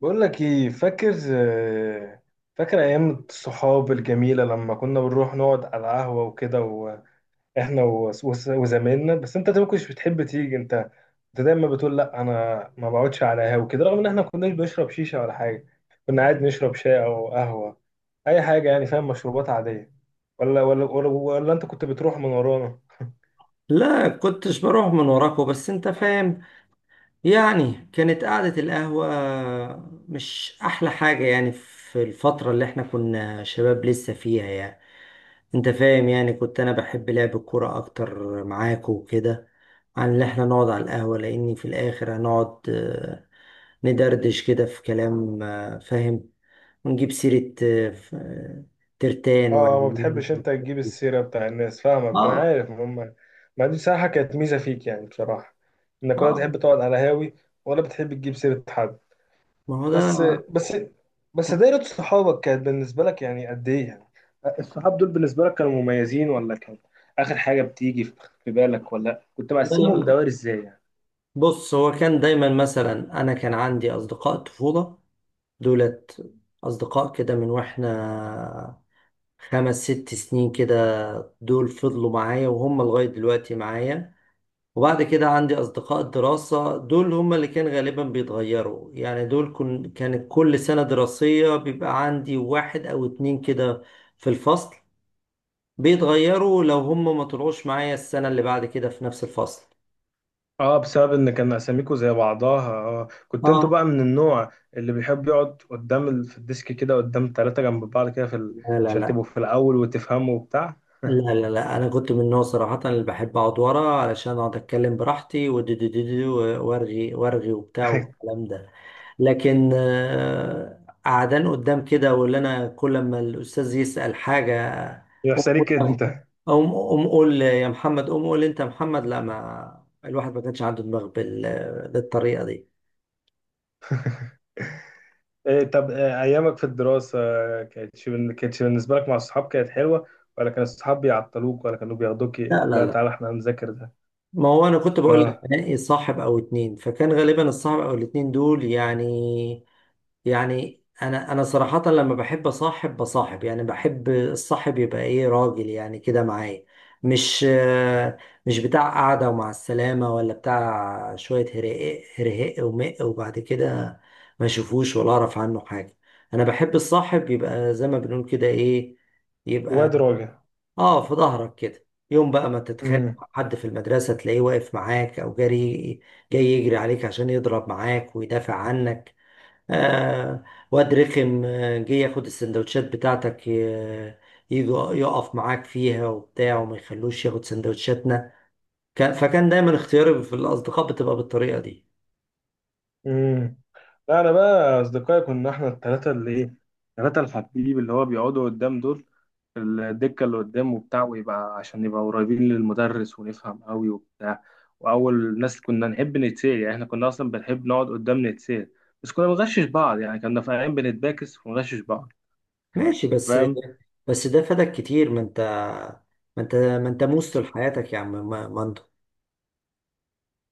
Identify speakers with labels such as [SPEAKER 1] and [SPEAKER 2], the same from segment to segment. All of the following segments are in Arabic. [SPEAKER 1] بقول لك ايه فاكر فاكر ايام الصحاب الجميله لما كنا بنروح نقعد على القهوه وكده واحنا وزمايلنا. بس انت طيب ما كنتش بتحب تيجي، انت دايما بتقول لا انا ما بقعدش على قهوه وكده، رغم ان احنا ما كناش بنشرب شيشه ولا حاجه، كنا قاعد نشرب شاي او قهوه، اي حاجه يعني، فاهم، مشروبات عاديه. ولا انت كنت بتروح من ورانا؟
[SPEAKER 2] لا، كنتش بروح من وراكوا، بس انت فاهم يعني كانت قعدة القهوة مش احلى حاجة يعني في الفترة اللي احنا كنا شباب لسه فيها يعني، انت فاهم يعني كنت انا بحب لعب الكورة اكتر معاكوا وكده عن اللي احنا نقعد على القهوة، لاني في الاخر هنقعد، ندردش كده في كلام، فاهم، ونجيب سيرة ترتان
[SPEAKER 1] اه، ما
[SPEAKER 2] وعمان.
[SPEAKER 1] بتحبش انت تجيب السيرة بتاع الناس، فاهمك انا
[SPEAKER 2] اه،
[SPEAKER 1] عارف ما هم. ما دي بصراحة كانت ميزة فيك يعني، بصراحة انك ولا
[SPEAKER 2] اه،
[SPEAKER 1] تحب تقعد على هاوي ولا بتحب تجيب سيرة حد.
[SPEAKER 2] ما هو ده.
[SPEAKER 1] بس بس بس دايرة صحابك كانت بالنسبة لك يعني قد ايه يعني؟ الصحاب دول بالنسبة لك كانوا مميزين، ولا كان اخر حاجة بتيجي في بالك، ولا كنت
[SPEAKER 2] لا، لا،
[SPEAKER 1] مقسمهم
[SPEAKER 2] لا،
[SPEAKER 1] دوائر ازاي يعني؟
[SPEAKER 2] بص هو كان دايما مثلا، انا كان عندي اصدقاء طفوله، دولت اصدقاء كده من واحنا 5 6 سنين كده، دول فضلوا معايا وهم لغايه دلوقتي معايا. وبعد كده عندي اصدقاء دراسه، دول هم اللي كان غالبا بيتغيروا يعني، دول كانت كل سنه دراسيه بيبقى عندي واحد او اتنين كده في الفصل، بيتغيروا لو هم ما طلعوش معايا السنه اللي بعد كده في نفس الفصل.
[SPEAKER 1] اه، بسبب ان كان اساميكو زي بعضها. اه، كنت انتوا
[SPEAKER 2] اه،
[SPEAKER 1] بقى من النوع اللي بيحب يقعد قدام في الديسك كده قدام 3 جنب بعض كده في
[SPEAKER 2] لا، لا،
[SPEAKER 1] عشان
[SPEAKER 2] لا.
[SPEAKER 1] تبقوا في الاول وتفهموا وبتاع.
[SPEAKER 2] لا، لا، لا، انا كنت من النوع صراحه اللي بحب اقعد ورا علشان اقعد اتكلم براحتي وارغي وارغي وبتاع والكلام ده. لكن قعدان قدام كده، واللي انا كل ما الاستاذ يسال حاجه، قوم
[SPEAKER 1] يحصل ليك
[SPEAKER 2] قول-
[SPEAKER 1] انت.
[SPEAKER 2] قوم قوم قول يا محمد، قوم قول انت يا محمد، لا، ما الواحد ما كانش عنده دماغ بالطريقه دي.
[SPEAKER 1] إيه طب، ايامك في الدراسة كانتش بالنسبة لك مع الصحاب كانت حلوة، ولا كان الصحاب بيعطلوك، ولا كانوا بياخدوك،
[SPEAKER 2] لا، لا،
[SPEAKER 1] لا
[SPEAKER 2] لا،
[SPEAKER 1] تعالى احنا هنذاكر ده؟
[SPEAKER 2] ما هو انا كنت بقول لك
[SPEAKER 1] اه،
[SPEAKER 2] انقي صاحب او اتنين، فكان غالبا الصاحب او الاتنين دول يعني. يعني انا صراحة، لما بحب اصاحب بصاحب يعني بحب الصاحب يبقى ايه، راجل يعني كده معايا. مش آه، مش بتاع قعدة ومع السلامة، ولا بتاع شوية هرهق هرهق ومق وبعد كده ما اشوفوش ولا اعرف عنه حاجة. انا بحب الصاحب يبقى زي ما بنقول كده ايه، يبقى.
[SPEAKER 1] واد راجع.
[SPEAKER 2] اه، في ظهرك كده. يوم بقى ما تتخانق
[SPEAKER 1] امم
[SPEAKER 2] مع حد في المدرسة تلاقيه واقف معاك او جري، جاي يجري عليك عشان يضرب معاك ويدافع عنك. آه، واد رخم جه ياخد السندوتشات بتاعتك، يجوا يقف معاك فيها وبتاع، وما يخلوش ياخد سندوتشاتنا. فكان دايما اختياري في الأصدقاء بتبقى بالطريقة دي.
[SPEAKER 1] امم لا، انا بقى اصدقائي كنا احنا الثلاثة اللي ايه، الثلاثة الحبيب اللي هو بيقعدوا قدام دول، الدكة اللي قدام وبتاع، ويبقى عشان نبقى قريبين للمدرس ونفهم قوي وبتاع، وأول ناس كنا نحب نتسال. يعني احنا كنا أصلا بنحب نقعد قدام نتسال، بس كنا بنغشش بعض، يعني كنا في أيام بنتباكس ونغشش بعض،
[SPEAKER 2] ماشي بس.
[SPEAKER 1] فاهم.
[SPEAKER 2] بس ده فادك كتير، ما انت موس طول حياتك يا عم، مندو.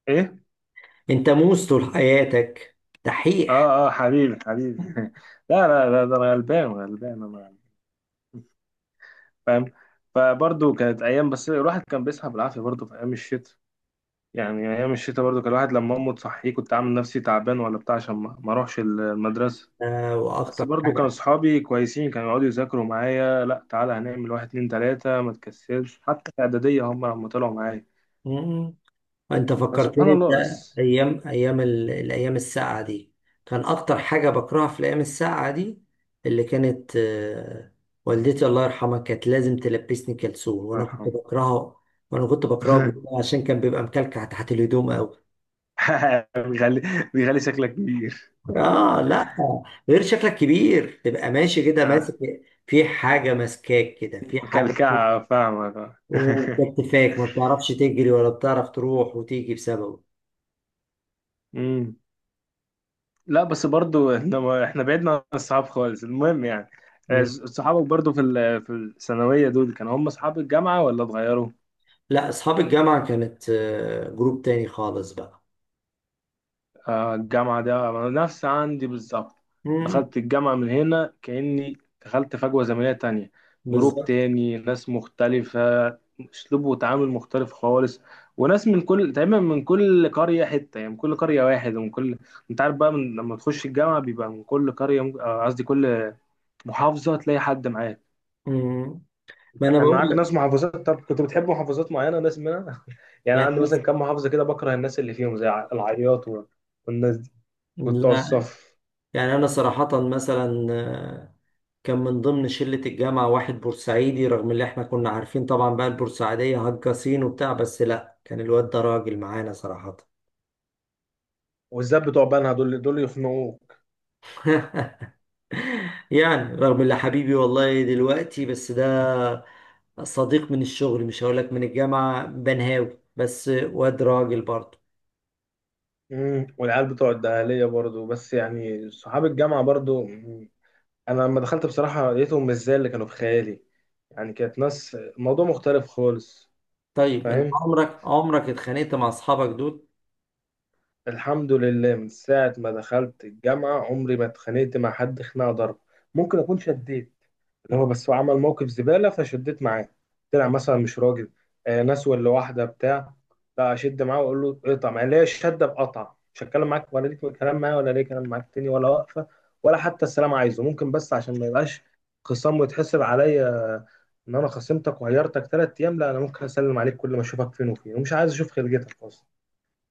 [SPEAKER 1] إيه؟
[SPEAKER 2] انت موس طول حياتك، دحيح.
[SPEAKER 1] آه آه، حبيبي حبيبي. لا لا لا، ده أنا غلبان غلبان أنا، فاهم. فبرضه كانت أيام، بس الواحد كان بيصحى بالعافية برضه في أيام الشتاء، يعني أيام الشتاء برضه كان الواحد لما أمه تصحيه كنت عامل نفسي تعبان ولا بتاع عشان ما أروحش المدرسة.
[SPEAKER 2] آه،
[SPEAKER 1] بس
[SPEAKER 2] واكتر
[SPEAKER 1] برضو كان صحابي كويسين، كانوا يقعدوا يذاكروا معايا لا تعالى هنعمل واحد اتنين تلاتة ما تكسلش، حتى في إعدادية هم لما طلعوا معايا،
[SPEAKER 2] حاجة، انت
[SPEAKER 1] فسبحان
[SPEAKER 2] فكرتني انت.
[SPEAKER 1] الله. بس
[SPEAKER 2] ايام ايام الايام الساقعه دي، كان اكتر حاجه بكرهها في الايام الساقعه دي، اللي كانت والدتي الله يرحمها كانت لازم تلبسني كلسون
[SPEAKER 1] الله
[SPEAKER 2] وانا كنت
[SPEAKER 1] يرحمه.
[SPEAKER 2] بكرهه. وانا كنت بكرهه جداً عشان كان بيبقى مكلكع تحت الهدوم قوي.
[SPEAKER 1] بيغلي، بيغلي شكلك كبير.
[SPEAKER 2] اه، لا، غير شكلك كبير تبقى ماشي كده
[SPEAKER 1] اه،
[SPEAKER 2] ماسك في حاجه، ماسكاك كده في حاجه.
[SPEAKER 1] مكلكعة فاهمك اه.
[SPEAKER 2] وكتفاك ما بتعرفش تجري ولا بتعرف تروح وتيجي بسببه.
[SPEAKER 1] مم. لا بس برضو احنا، احنا بعدنا عن الصحاب خالص، المهم يعني صحابك برضو في الثانوية دول كانوا هم صحاب الجامعة، ولا اتغيروا؟
[SPEAKER 2] لا، اصحاب الجامعه كانت جروب تاني خالص بقى.
[SPEAKER 1] الجامعة ده أنا نفس عندي بالظبط،
[SPEAKER 2] امم.
[SPEAKER 1] دخلت الجامعة من هنا كأني دخلت فجوة زمنية تانية، جروب
[SPEAKER 2] بالظبط.
[SPEAKER 1] تاني، ناس مختلفة، أسلوب وتعامل مختلف خالص، وناس من كل تقريبا من كل قرية حتة، يعني من كل قرية واحد، ومن كل، أنت عارف بقى لما تخش الجامعة بيبقى من كل قرية قصدي كل محافظة تلاقي حد معاك.
[SPEAKER 2] امم. ما
[SPEAKER 1] أنت
[SPEAKER 2] انا
[SPEAKER 1] كان
[SPEAKER 2] بقول
[SPEAKER 1] معاك
[SPEAKER 2] لك.
[SPEAKER 1] ناس محافظات، طب كنت بتحب محافظات معينة ناس منها؟ يعني
[SPEAKER 2] يعني
[SPEAKER 1] عندي مثلا كام محافظة كده بكره الناس اللي فيهم، زي العياط والناس وبتوع
[SPEAKER 2] لا،
[SPEAKER 1] الصف،
[SPEAKER 2] يعني انا صراحه مثلا كان من ضمن شله الجامعه واحد بورسعيدي، رغم اللي احنا كنا عارفين طبعا بقى البورسعيديه هجاصين وبتاع، بس لا، كان الواد ده راجل معانا صراحه.
[SPEAKER 1] والذات بتوع بنها دول، يخنقوك.
[SPEAKER 2] يعني رغم اللي، حبيبي والله دلوقتي بس ده صديق من الشغل، مش هقول لك من الجامعه، بنهاوي بس واد راجل برضه.
[SPEAKER 1] والعيال بتوع الدهلية برضو، بس يعني صحاب الجامعة برضو. مم. أنا لما دخلت بصراحة لقيتهم مش زي اللي كانوا في خيالي، يعني كانت ناس موضوع مختلف خالص،
[SPEAKER 2] طيب انت
[SPEAKER 1] فاهم.
[SPEAKER 2] عمرك اتخانقت مع اصحابك دول؟
[SPEAKER 1] الحمد لله، من ساعة ما دخلت الجامعة عمري ما اتخانقت مع حد خناقة ضرب. ممكن أكون شديت، اللي هو
[SPEAKER 2] مم.
[SPEAKER 1] بس هو عمل موقف زبالة فشديت معاه، طلع مثلا مش راجل، آه، ناس ولا واحدة بتاع. لا أشد معاه وأقول له اقطع معايا ليه الشدة، بقطع مش هتكلم معاك ولا ليك كلام معايا، ولا ليه كلام معاك تاني، ولا واقفة ولا حتى السلام عايزه، ممكن بس عشان ما يبقاش خصام ويتحسب عليا إن أنا خصمتك وغيرتك 3 أيام، لا أنا ممكن أسلم عليك كل ما أشوفك، فين وفين، ومش عايز أشوف خلقتك أصلا،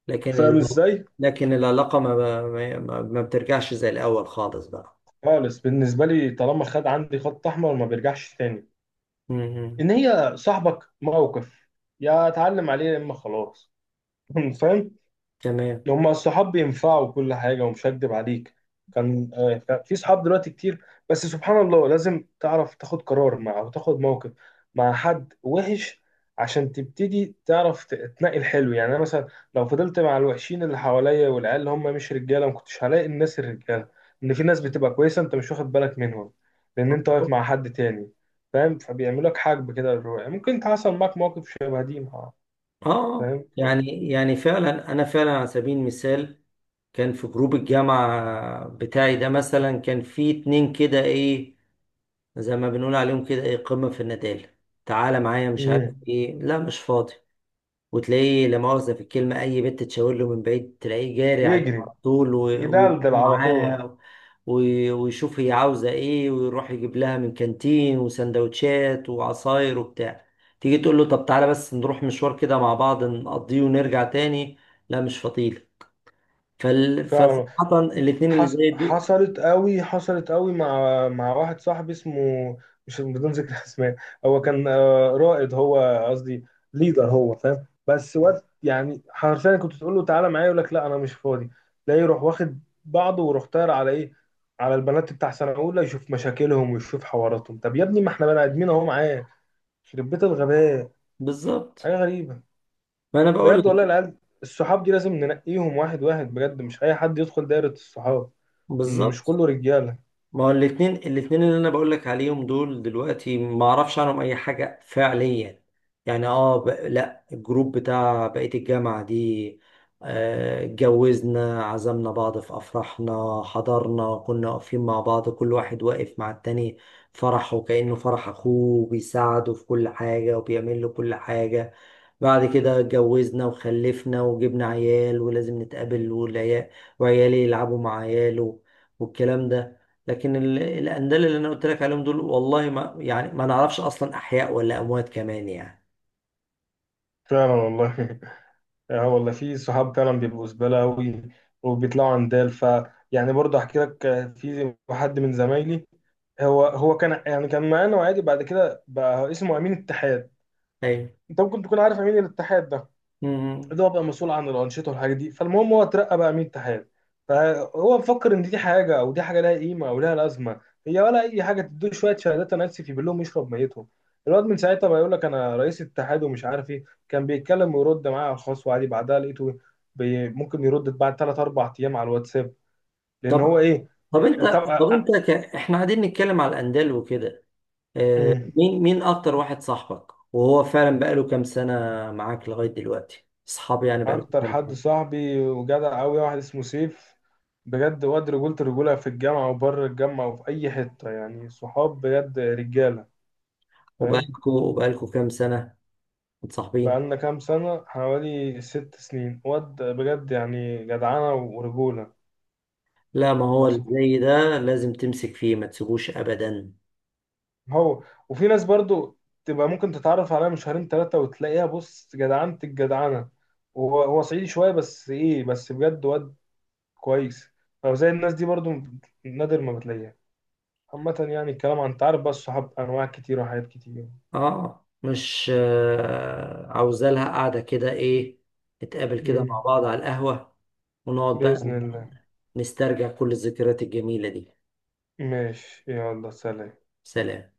[SPEAKER 2] لكن
[SPEAKER 1] فاهم
[SPEAKER 2] ال...
[SPEAKER 1] إزاي؟
[SPEAKER 2] لكن العلاقة ما بترجعش زي الاول خالص بقى.
[SPEAKER 1] خالص بالنسبة لي، طالما خد عندي خط أحمر ما بيرجعش تاني.
[SPEAKER 2] مم.
[SPEAKER 1] ان هي صاحبك موقف يا اتعلم عليه يا اما خلاص. فاهم.
[SPEAKER 2] تمام.
[SPEAKER 1] هما الصحاب بينفعوا كل حاجة، ومش هكدب عليك، كان كان في صحاب دلوقتي كتير. بس سبحان الله، لازم تعرف تاخد قرار مع أو تاخد موقف مع حد وحش عشان تبتدي تعرف تنقي الحلو. يعني أنا مثلا لو فضلت مع الوحشين اللي حواليا والعيال اللي هم مش رجالة، ما كنتش هلاقي الناس الرجالة، إن في ناس بتبقى كويسة أنت مش واخد بالك منهم، لأن أنت واقف مع حد تاني، فاهم، فبيعملوا لك حاجب كده للروح. ممكن حصل معاك موقف شبه دي مع،
[SPEAKER 2] اه،
[SPEAKER 1] فاهم طبعا.
[SPEAKER 2] يعني فعلا، انا فعلا على سبيل المثال كان في جروب الجامعة بتاعي ده مثلا، كان في اتنين كده ايه زي ما بنقول عليهم كده ايه، قمة في الندالة. تعالى معايا، مش عارف
[SPEAKER 1] مم.
[SPEAKER 2] ايه، لا مش فاضي. وتلاقيه، لا مؤاخذة في الكلمة، أي بنت تشاور له من بعيد تلاقيه جاري عليها على
[SPEAKER 1] يجري
[SPEAKER 2] طول، ويروح
[SPEAKER 1] يدلدل على طول.
[SPEAKER 2] معاها، ويشوف هي عاوزة إيه، ويروح يجيب لها من كانتين، وسندوتشات وعصاير وبتاع. تيجي تقول له، طب تعالى بس نروح مشوار كده مع بعض نقضيه ونرجع تاني، لا مش فضيلة.
[SPEAKER 1] فعلا.
[SPEAKER 2] فصراحة الاتنين اللي زي دول،
[SPEAKER 1] حصلت قوي، حصلت قوي مع واحد صاحبي اسمه، مش بدون ذكر اسماء. هو كان رائد هو قصدي ليدر، هو فاهم، بس وقت يعني حرفيا كنت تقول له تعالى معايا يقول لك لا انا مش فاضي، لا يروح واخد بعضه ويروح طاير على ايه، على البنات بتاع سنه اولى يشوف مشاكلهم ويشوف حواراتهم. طب يا ابني ما احنا بني ادمين اهو معاه، يخرب بيت الغباء.
[SPEAKER 2] بالظبط.
[SPEAKER 1] حاجه غريبه،
[SPEAKER 2] ما أنا بقول لك.
[SPEAKER 1] بجد والله. العيال الصحاب دي لازم ننقيهم واحد واحد بجد، مش اي حد يدخل دايرة الصحاب، ان مش كله
[SPEAKER 2] بالظبط،
[SPEAKER 1] رجالة،
[SPEAKER 2] ما هو الاتنين اللي انا بقولك عليهم دول دلوقتي ما اعرفش عنهم اي حاجة فعليا. يعني اه، لا، الجروب بتاع بقية الجامعة دي، اتجوزنا، عزمنا بعض في افراحنا، حضرنا، كنا واقفين مع بعض، كل واحد واقف مع التاني فرحه كأنه فرح اخوه، بيساعده في كل حاجة وبيعمل له كل حاجة. بعد كده اتجوزنا وخلفنا وجبنا عيال، ولازم نتقابل والعيال، وعيالي يلعبوا مع عياله والكلام ده. لكن الأندال اللي أنا قلت لك عليهم دول، والله ما يعني، ما نعرفش أصلا أحياء ولا أموات كمان يعني.
[SPEAKER 1] فعلا والله. اه والله، في صحاب فعلا بيبقوا زبالة أوي وبيطلعوا عندال، يعني برضه أحكي لك في حد من زمايلي، هو كان يعني كان معانا وعادي، بعد كده بقى اسمه أمين اتحاد.
[SPEAKER 2] أيوة.
[SPEAKER 1] أنت ممكن تكون عارف أمين الاتحاد ده،
[SPEAKER 2] مم.
[SPEAKER 1] اللي هو بقى مسؤول عن الانشطه والحاجات دي. فالمهم هو اترقى بقى امين اتحاد، فهو مفكر ان دي حاجه او دي حاجه لها قيمه او لها لازمه هي ولا اي حاجه، تدوه شويه شهادات انا اسف يبين لهم يشرب ميتهم. الواد من ساعتها بقى يقول لك انا رئيس الاتحاد ومش عارف ايه، كان بيتكلم ويرد معايا على الخاص وعادي، بعدها لقيته بي ممكن يرد بعد ثلاث اربع ايام على الواتساب، لان
[SPEAKER 2] طب
[SPEAKER 1] هو ايه.
[SPEAKER 2] طب أنت
[SPEAKER 1] طب،
[SPEAKER 2] إحنا قاعدين نتكلم على الأندال وكده، مين أكتر واحد صاحبك وهو فعلا بقاله كام سنة معاك لغاية دلوقتي؟ أصحابي يعني بقاله
[SPEAKER 1] اكتر
[SPEAKER 2] كام
[SPEAKER 1] حد
[SPEAKER 2] سنة؟
[SPEAKER 1] صاحبي وجدع قوي واحد اسمه سيف، بجد واد رجولة الرجولة في الجامعة وبره الجامعة وفي أي حتة، يعني صحاب بجد رجالة، فاهم.
[SPEAKER 2] وبقالكوا كام سنة متصاحبين؟
[SPEAKER 1] بقالنا كام سنة، حوالي 6 سنين، واد بجد يعني جدعانة ورجولة.
[SPEAKER 2] لا، ما هو اللي
[SPEAKER 1] فسبحان.
[SPEAKER 2] زي ده لازم تمسك فيه، ما تسيبوش ابدا.
[SPEAKER 1] هو، وفي ناس برضو تبقى ممكن تتعرف عليها من شهرين تلاتة وتلاقيها بص جدعانة الجدعانة. وهو صعيدي شوية، بس إيه، بس بجد واد كويس، فزي الناس دي برضو نادر ما بتلاقيها. عامة يعني الكلام، عن تعرف بقى الصحاب أنواع كتير وحاجات كتير.
[SPEAKER 2] اه، مش عاوزة لها قاعدة كده ايه، نتقابل كده مع
[SPEAKER 1] مم.
[SPEAKER 2] بعض على القهوة، ونقعد بقى
[SPEAKER 1] بإذن الله.
[SPEAKER 2] نسترجع كل الذكريات الجميلة دي.
[SPEAKER 1] ماشي، يلا سلام.
[SPEAKER 2] سلام.